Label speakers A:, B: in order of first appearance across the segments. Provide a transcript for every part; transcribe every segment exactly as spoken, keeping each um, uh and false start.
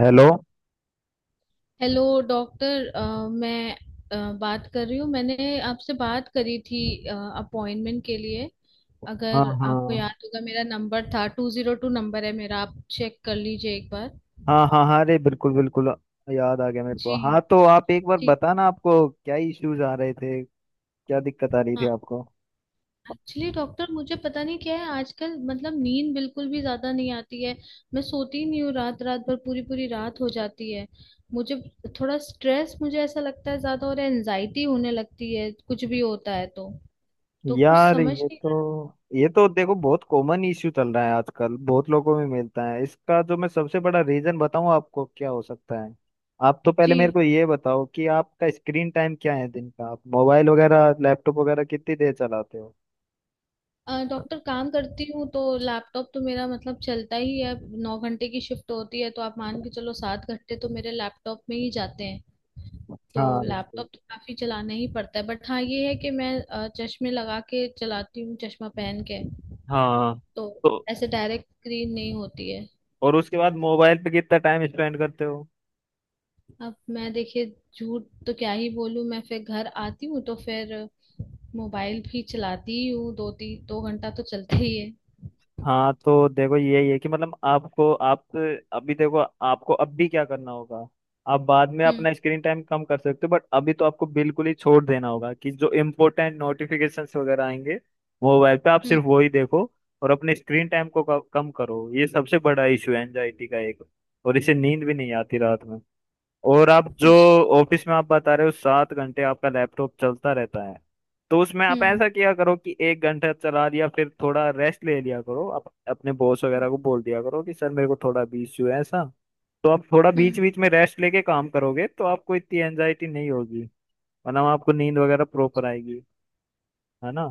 A: Hello.
B: Hello doctor. अ, मैं अ, बात कर रही हूँ। मैंने आपसे बात करी थी अपॉइंटमेंट के लिए।
A: हाँ
B: अगर आपको
A: हाँ
B: याद होगा, मेरा नंबर था टू जीरो टू। नंबर है मेरा, आप चेक कर लीजिए एक बार।
A: हाँ हाँ हाँ, अरे बिल्कुल बिल्कुल, याद आ गया मेरे को।
B: जी।
A: हाँ तो आप एक बार
B: जी।
A: बताना आपको क्या इश्यूज आ रहे थे, क्या दिक्कत आ रही थी
B: हाँ।
A: आपको।
B: एक्चुअली डॉक्टर, मुझे पता नहीं क्या है आजकल, मतलब नींद बिल्कुल भी ज्यादा नहीं आती है। मैं सोती नहीं हूँ, रात रात भर, पूरी पूरी रात हो जाती है मुझे। थोड़ा स्ट्रेस मुझे ऐसा लगता है ज्यादा, और एनजाइटी होने लगती है। कुछ भी होता है तो तो कुछ
A: यार
B: समझ
A: ये
B: नहीं आता।
A: तो ये तो देखो बहुत कॉमन इश्यू चल रहा है आजकल, बहुत लोगों में मिलता है इसका। जो मैं सबसे बड़ा रीजन बताऊं आपको क्या हो सकता है, आप तो पहले मेरे
B: जी।
A: को ये बताओ कि आपका स्क्रीन टाइम क्या है दिन का, आप मोबाइल वगैरह लैपटॉप वगैरह कितनी देर चलाते हो।
B: अ, डॉक्टर, काम करती हूँ तो लैपटॉप तो मेरा मतलब चलता ही है। नौ घंटे की शिफ्ट होती है, तो आप मान के चलो सात घंटे तो मेरे लैपटॉप में ही जाते हैं। तो
A: हाँ बिल्कुल।
B: लैपटॉप तो काफी चलाना ही पड़ता है। बट हाँ, ये है कि मैं अ, चश्मे लगा के चलाती हूँ, चश्मा पहन के।
A: हाँ
B: तो
A: तो
B: ऐसे डायरेक्ट स्क्रीन नहीं होती है।
A: और उसके बाद मोबाइल पे कितना टाइम स्पेंड करते हो।
B: अब मैं देखिए, झूठ तो क्या ही बोलूँ मैं, फिर घर आती हूँ तो फिर मोबाइल भी चलाती ही हूँ। दो तीन, दो घंटा तो चलते ही है।
A: हाँ तो देखो यही है कि मतलब आपको आप अभी देखो, आपको अब भी क्या करना होगा। आप बाद में
B: हम्म।
A: अपना स्क्रीन टाइम कम कर सकते हो, बट अभी तो आपको बिल्कुल ही छोड़ देना होगा कि जो इम्पोर्टेंट नोटिफिकेशंस वगैरह आएंगे मोबाइल पे, आप
B: हम्म।
A: सिर्फ वो ही देखो। और अपने स्क्रीन टाइम को क- कम करो, ये सबसे बड़ा इशू है एंजाइटी का एक। और इससे नींद भी नहीं आती रात में। और आप जो
B: जी।
A: ऑफिस में आप बता रहे हो सात घंटे आपका लैपटॉप चलता रहता है, तो उसमें आप
B: हम्म।
A: ऐसा किया करो कि एक घंटा चला दिया फिर थोड़ा रेस्ट ले लिया करो, आप अपने बॉस
B: हम्म।
A: वगैरह को बोल दिया करो कि सर मेरे को थोड़ा भी इश्यू है ऐसा, तो आप थोड़ा
B: हम्म।
A: बीच बीच में रेस्ट लेके काम करोगे तो आपको इतनी एंजाइटी नहीं होगी, वरना आपको नींद वगैरह प्रॉपर आएगी, है ना।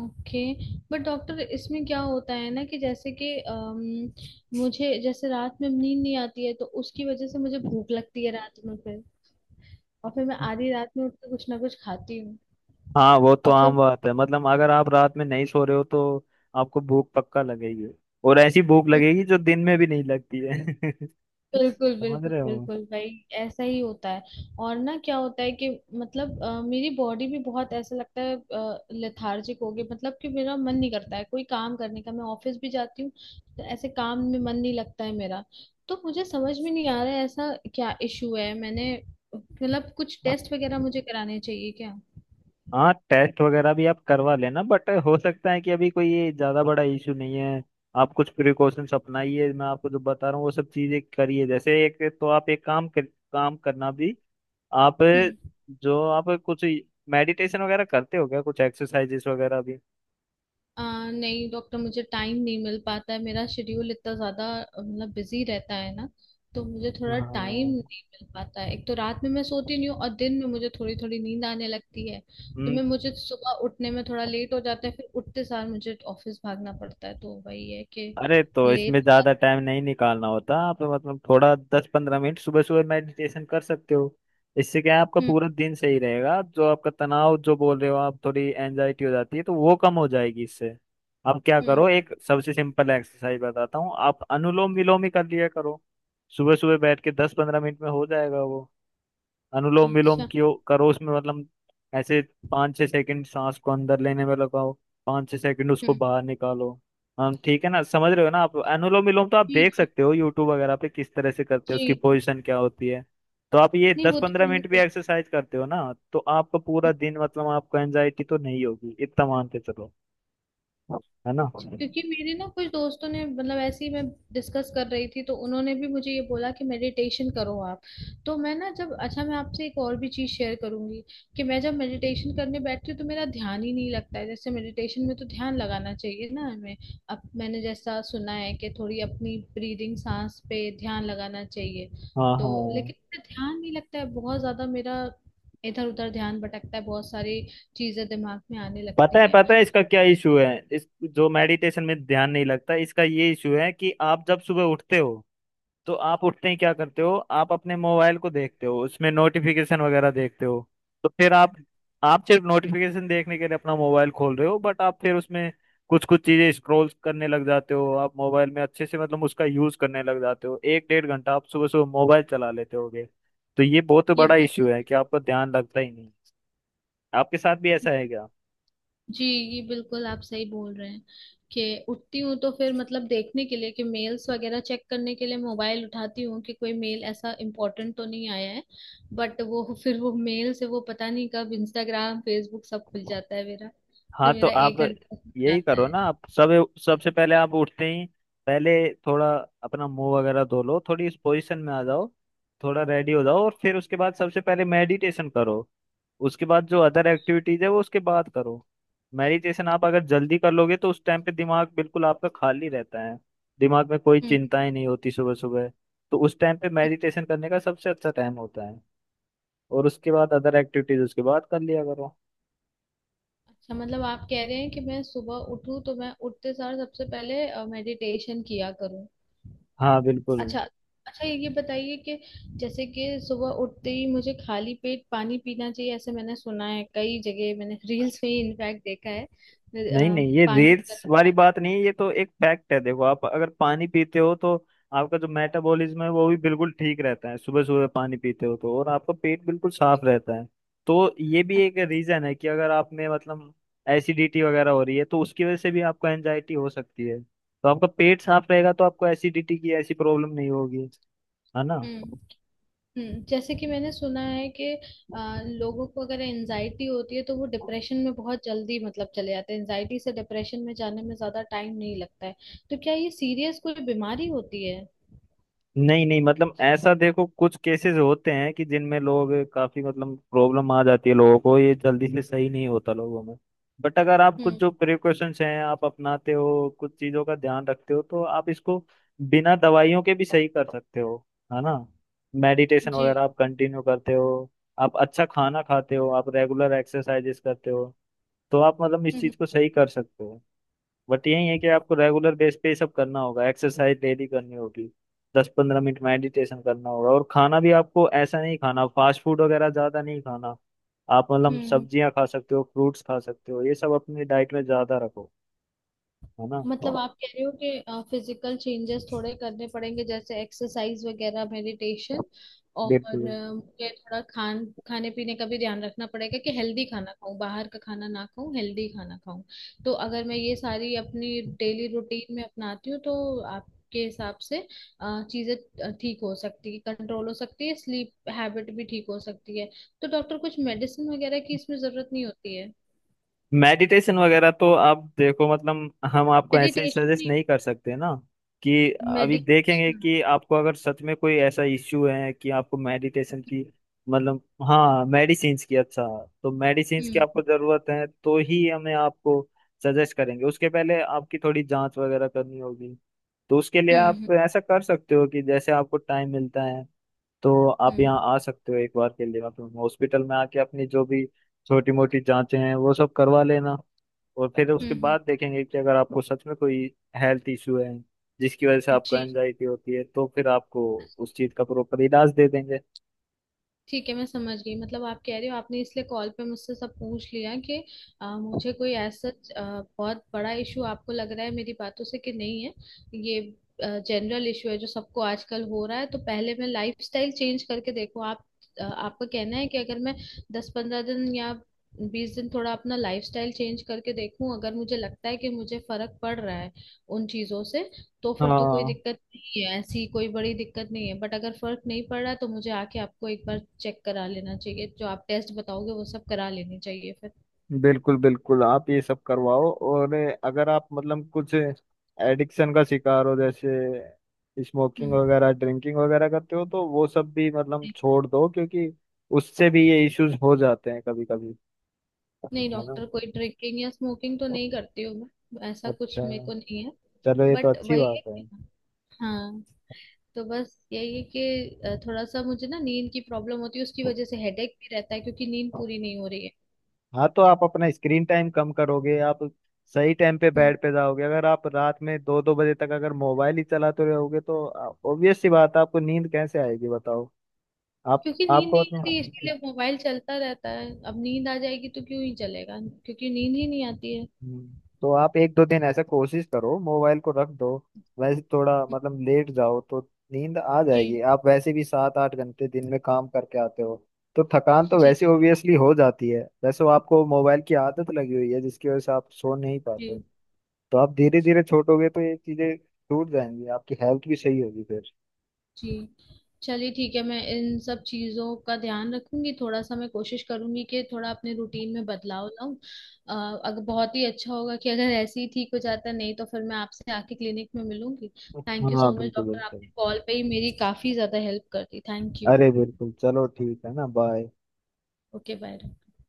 B: ओके। बट डॉक्टर, इसमें क्या होता है ना कि जैसे कि अम, मुझे जैसे रात में नींद नहीं आती है, तो उसकी वजह से मुझे भूख लगती है रात में फिर। और फिर मैं आधी रात में उठ के कुछ ना कुछ खाती हूँ।
A: हाँ वो तो
B: और
A: आम
B: फिर,
A: बात है, मतलब अगर आप रात में नहीं सो रहे हो तो आपको भूख पक्का लगेगी, और ऐसी भूख
B: हम्म,
A: लगेगी जो दिन में भी नहीं लगती है
B: बिल्कुल,
A: समझ
B: बिल्कुल,
A: रहे हो।
B: बिल्कुल भाई, ऐसा ही होता है। और ना क्या होता है कि मतलब अ, मेरी बॉडी भी, बहुत ऐसा लगता है, लेथार्जिक हो गई, मतलब कि मेरा मन नहीं करता है कोई काम करने का। मैं ऑफिस भी जाती हूँ तो ऐसे काम में मन नहीं लगता है मेरा। तो मुझे समझ में नहीं आ रहा है ऐसा क्या इशू है। मैंने मतलब कुछ टेस्ट वगैरह मुझे कराने चाहिए क्या?
A: हाँ टेस्ट वगैरह भी आप करवा लेना, बट हो सकता है कि अभी कोई ये ज्यादा बड़ा इशू नहीं है। आप कुछ प्रिकॉशंस अपनाइए, मैं आपको जो बता रहा हूँ वो सब चीजें करिए। जैसे एक तो आप एक काम कर, काम करना भी, आप
B: हम्म।
A: जो आप कुछ मेडिटेशन वगैरह करते हो क्या, कुछ एक्सरसाइजेस वगैरह भी।
B: आ, नहीं डॉक्टर, मुझे टाइम नहीं मिल पाता है, मेरा शेड्यूल इतना ज्यादा अ, मतलब बिजी रहता है ना। तो मुझे थोड़ा टाइम
A: हाँ
B: नहीं मिल पाता है। एक तो रात में मैं सोती नहीं हूँ और दिन में मुझे थोड़ी थोड़ी नींद आने लगती है। तो मैं मुझे सुबह उठने में थोड़ा लेट हो जाता है, फिर उठते सार मुझे ऑफिस भागना पड़ता है, तो वही है कि
A: अरे तो
B: लेट
A: इसमें
B: हो
A: ज्यादा
B: जाता
A: टाइम नहीं निकालना होता, आप मतलब थोड़ा दस पंद्रह मिनट सुबह सुबह मेडिटेशन कर सकते हो। इससे क्या है आपका
B: है। हम्म।
A: पूरा दिन सही रहेगा, जो आपका तनाव जो बोल रहे हो, आप थोड़ी एंजाइटी हो जाती है तो वो कम हो जाएगी इससे। आप क्या
B: हम्म।
A: करो एक सबसे सिंपल एक्सरसाइज बताता हूँ, आप अनुलोम विलोम ही कर लिया करो, सुबह सुबह बैठ के दस पंद्रह मिनट में हो जाएगा वो।
B: है,
A: अनुलोम विलोम
B: अच्छा।
A: क्यों करो, उसमें मतलब ऐसे पाँच छः सेकंड सांस को अंदर लेने में लगाओ, पाँच छः सेकंड उसको
B: हम्म।
A: बाहर निकालो। हम ठीक है ना, समझ रहे हो ना आप। अनुलोम विलोम तो आप
B: जी।
A: देख
B: जी।
A: सकते हो यूट्यूब वगैरह पे किस तरह से करते हैं,
B: जी।
A: उसकी पोजीशन क्या होती है। तो आप ये
B: नहीं,
A: दस
B: वो तो
A: पंद्रह
B: मैंने
A: मिनट भी
B: देखा।
A: एक्सरसाइज करते हो ना, तो आपका पूरा दिन मतलब आपको एंजाइटी तो नहीं होगी, इतना मानते चलो, है ना।
B: क्योंकि मेरे ना कुछ दोस्तों ने, मतलब ऐसे ही मैं डिस्कस कर रही थी, तो उन्होंने भी मुझे ये बोला कि मेडिटेशन करो आप। तो मैं ना जब, अच्छा, मैं आपसे एक और भी चीज शेयर करूंगी कि मैं जब मेडिटेशन करने बैठती हूँ तो मेरा ध्यान ही नहीं लगता है। जैसे मेडिटेशन में तो ध्यान लगाना चाहिए ना हमें, अब मैंने जैसा सुना है कि थोड़ी अपनी ब्रीदिंग, सांस पे ध्यान लगाना चाहिए।
A: हाँ हाँ,
B: तो लेकिन मेरा ध्यान नहीं लगता है बहुत ज्यादा। मेरा इधर उधर ध्यान भटकता है, बहुत सारी चीजें दिमाग में आने
A: पता
B: लगती
A: है
B: हैं।
A: पता है इसका क्या इशू है। इस जो मेडिटेशन में ध्यान नहीं लगता इसका ये इशू है कि आप जब सुबह उठते हो तो आप उठते ही क्या करते हो, आप अपने मोबाइल को देखते हो, उसमें नोटिफिकेशन वगैरह देखते हो। तो फिर आप आप सिर्फ नोटिफिकेशन देखने के लिए अपना मोबाइल खोल रहे हो, बट आप फिर उसमें कुछ कुछ चीजें स्क्रॉल करने लग जाते हो, आप मोबाइल में अच्छे से मतलब उसका यूज करने लग जाते हो। एक डेढ़ घंटा आप सुबह सुबह मोबाइल चला लेते होगे, तो ये बहुत
B: ये
A: बड़ा
B: बात!
A: इश्यू है कि आपका ध्यान लगता ही नहीं। आपके साथ भी ऐसा है क्या।
B: जी, ये बिल्कुल आप सही बोल रहे हैं कि उठती हूँ तो फिर, मतलब देखने के लिए, कि मेल्स वगैरह चेक करने के लिए मोबाइल उठाती हूँ कि कोई मेल ऐसा इम्पोर्टेंट तो नहीं आया है। बट वो फिर वो, मेल से वो पता नहीं कब इंस्टाग्राम, फेसबुक सब खुल जाता है मेरा।
A: हाँ
B: फिर
A: तो
B: मेरा
A: आप
B: एक घंटा लग
A: यही
B: जाता
A: करो
B: है।
A: ना, आप सब सबसे पहले आप उठते ही पहले थोड़ा अपना मुंह वगैरह धो लो, थोड़ी इस पोजीशन में आ जाओ, थोड़ा रेडी हो जाओ और फिर उसके बाद सबसे पहले मेडिटेशन करो। उसके बाद जो अदर एक्टिविटीज है वो उसके बाद करो। मेडिटेशन आप अगर जल्दी कर लोगे तो उस टाइम पे दिमाग बिल्कुल आपका खाली रहता है, दिमाग में कोई
B: हम्म।
A: चिंताएं नहीं होती सुबह सुबह। तो उस टाइम पे
B: हम्म,
A: मेडिटेशन करने का सबसे अच्छा टाइम होता है, और उसके बाद अदर एक्टिविटीज उसके बाद कर लिया करो।
B: अच्छा, मतलब आप कह रहे हैं कि मैं सुबह उठूँ तो मैं उठते सार सबसे पहले मेडिटेशन किया करूँ?
A: हाँ बिल्कुल।
B: अच्छा। अच्छा, ये बताइए कि जैसे कि सुबह उठते ही मुझे खाली पेट पानी पीना चाहिए, ऐसे मैंने सुना है कई जगह। मैंने रील्स में इनफैक्ट देखा है। अ,
A: नहीं नहीं ये
B: पानी
A: रील्स
B: पर-
A: वाली बात नहीं है, ये तो एक फैक्ट है। देखो आप अगर पानी पीते हो तो आपका जो मेटाबॉलिज्म है वो भी बिल्कुल ठीक रहता है, सुबह सुबह पानी पीते हो तो, और आपका पेट बिल्कुल साफ रहता है। तो ये भी एक रीजन है कि अगर आप में मतलब एसिडिटी वगैरह हो रही है तो उसकी वजह से भी आपको एंजाइटी हो सकती है, तो आपका पेट साफ रहेगा तो आपको एसिडिटी की ऐसी प्रॉब्लम नहीं होगी, है ना।
B: हम्म। हम्म, जैसे कि मैंने सुना है कि अ, लोगों को अगर एनजाइटी होती है तो वो डिप्रेशन में बहुत जल्दी, मतलब चले जाते हैं। एनजाइटी से डिप्रेशन में जाने में ज्यादा टाइम नहीं लगता है। तो क्या ये सीरियस कोई बीमारी होती है?
A: नहीं नहीं, मतलब ऐसा देखो, कुछ केसेस होते हैं कि जिनमें लोग काफी मतलब प्रॉब्लम आ जाती है, लोगों को ये जल्दी से सही नहीं होता लोगों में। बट अगर आप कुछ
B: हम्म।
A: जो प्रिकॉशंस हैं आप अपनाते हो, कुछ चीजों का ध्यान रखते हो, तो आप इसको बिना दवाइयों के भी सही कर सकते हो, है ना। मेडिटेशन
B: जी।
A: वगैरह आप कंटिन्यू करते हो, आप अच्छा खाना खाते हो, आप रेगुलर एक्सरसाइजेस करते हो, तो आप मतलब इस
B: हम्म।
A: चीज को सही कर सकते हो। बट यही है कि आपको रेगुलर बेस पे ये सब करना होगा, एक्सरसाइज डेली करनी होगी, दस पंद्रह मिनट मेडिटेशन करना होगा, और खाना भी आपको ऐसा नहीं खाना, फास्ट फूड वगैरह ज्यादा नहीं खाना, आप मतलब
B: हम्म,
A: सब्जियां खा सकते हो, फ्रूट्स खा सकते हो, ये सब अपनी डाइट में ज्यादा रखो, है ना।
B: मतलब आप कह रहे हो कि फिजिकल चेंजेस थोड़े करने पड़ेंगे, जैसे एक्सरसाइज वगैरह, मेडिटेशन, और
A: बिल्कुल।
B: अ, मुझे थोड़ा खान खाने पीने का भी ध्यान रखना पड़ेगा कि हेल्दी खाना खाऊं, बाहर का खाना ना खाऊं, हेल्दी खाना खाऊं। तो अगर मैं ये सारी अपनी डेली रूटीन में अपनाती हूँ तो आपके हिसाब से अ, चीजें ठीक हो सकती है, कंट्रोल हो सकती है, स्लीप हैबिट भी ठीक हो सकती है? तो डॉक्टर, कुछ मेडिसिन वगैरह की इसमें जरूरत नहीं होती है?
A: मेडिटेशन वगैरह तो आप देखो, मतलब हम आपको ऐसे ही
B: मेडिटेशन
A: सजेस्ट
B: नहीं,
A: नहीं कर सकते ना कि अभी देखेंगे
B: मेडिकेशन।
A: कि आपको अगर सच में कोई ऐसा इश्यू है कि आपको मेडिटेशन की मतलब, हाँ मेडिसिन्स की, अच्छा, तो मेडिसिन्स की आपको
B: हम्म।
A: ज़रूरत है तो ही हमें आपको सजेस्ट करेंगे, उसके पहले आपकी थोड़ी जांच वगैरह करनी होगी। तो उसके लिए
B: हम्म।
A: आप ऐसा कर सकते हो कि जैसे आपको टाइम मिलता है तो आप यहाँ
B: हम्म।
A: आ सकते हो एक बार के लिए, मतलब हॉस्पिटल में आके अपनी जो भी छोटी मोटी जांचें हैं वो सब करवा लेना। और फिर उसके
B: हम्म। हम्म,
A: बाद देखेंगे कि अगर आपको सच में कोई हेल्थ इशू है जिसकी वजह से आपको
B: जी,
A: एंजाइटी होती है तो फिर आपको उस चीज़ का प्रॉपर इलाज दे देंगे।
B: ठीक है मैं समझ गई, मतलब आप कह रहे हो आपने इसलिए कॉल पे मुझसे सब पूछ लिया कि आ, मुझे कोई ऐसा आ, बहुत बड़ा इशू आपको लग रहा है मेरी बातों से कि नहीं है। ये जनरल इशू है जो सबको आजकल हो रहा है, तो पहले मैं लाइफस्टाइल चेंज करके देखो आप। आ, आपका कहना है कि अगर मैं दस पंद्रह दिन या बीस दिन थोड़ा अपना लाइफस्टाइल चेंज करके देखूं, अगर मुझे लगता है कि मुझे फर्क पड़ रहा है उन चीजों से, तो फिर तो कोई
A: हाँ
B: दिक्कत नहीं है, ऐसी कोई बड़ी दिक्कत नहीं है। बट अगर फर्क नहीं पड़ रहा तो मुझे आके आपको एक बार चेक करा लेना चाहिए, जो आप टेस्ट बताओगे वो सब करा लेने चाहिए फिर।
A: बिल्कुल बिल्कुल, आप ये सब करवाओ। और अगर आप मतलब कुछ एडिक्शन का शिकार हो जैसे स्मोकिंग
B: हम्म।
A: वगैरह ड्रिंकिंग वगैरह करते हो तो वो सब भी मतलब
B: नहीं,
A: छोड़ दो, क्योंकि उससे भी ये इश्यूज हो जाते हैं कभी कभी,
B: नहीं
A: है ना।
B: डॉक्टर, कोई ड्रिंकिंग या स्मोकिंग तो नहीं करती हूँ मैं, ऐसा कुछ
A: अच्छा,
B: मेरे को नहीं है।
A: चलो ये तो
B: बट
A: अच्छी
B: वही है
A: बात है।
B: कि, हाँ, तो बस यही है कि अ, थोड़ा सा मुझे ना नींद की प्रॉब्लम होती है, उसकी वजह से हेडेक भी रहता है क्योंकि नींद पूरी नहीं हो रही
A: हाँ तो आप अपना स्क्रीन टाइम कम करोगे, आप सही टाइम पे
B: है।
A: बेड पे जाओगे, अगर आप रात में दो दो बजे तक अगर मोबाइल ही चलाते रहोगे तो ऑब्वियस सी बात है आपको नींद कैसे आएगी बताओ। आप
B: क्योंकि नींद
A: आपको
B: नहीं आती इसीलिए
A: मतलब
B: मोबाइल चलता रहता है, अब नींद आ जाएगी तो क्यों ही चलेगा? क्योंकि नींद ही नहीं आती है।
A: हम्म, तो आप एक दो दिन ऐसा कोशिश करो मोबाइल को रख दो, वैसे थोड़ा मतलब लेट जाओ तो नींद आ जाएगी।
B: जी।
A: आप वैसे भी सात आठ घंटे दिन में काम करके आते हो तो थकान तो
B: जी।
A: वैसे ओबियसली हो जाती है, वैसे वो आपको मोबाइल की आदत लगी हुई है जिसकी वजह से आप सो नहीं पाते,
B: जी।
A: तो आप धीरे धीरे छोड़ोगे तो ये चीजें छूट जाएंगी, आपकी हेल्थ भी सही होगी फिर।
B: जी, चलिए ठीक है, मैं इन सब चीजों का ध्यान रखूंगी, थोड़ा सा मैं कोशिश करूंगी कि थोड़ा अपने रूटीन में बदलाव लाऊं। अ, अगर बहुत ही अच्छा होगा कि अगर ऐसे ही ठीक हो जाता, नहीं तो फिर मैं आपसे आके क्लिनिक में मिलूंगी। थैंक यू
A: हाँ
B: सो मच
A: बिल्कुल
B: डॉक्टर,
A: बिल्कुल,
B: आपने कॉल पे ही मेरी काफी ज्यादा हेल्प कर दी। Thank you.
A: अरे बिल्कुल, चलो ठीक है ना, बाय।
B: ओके। बाय।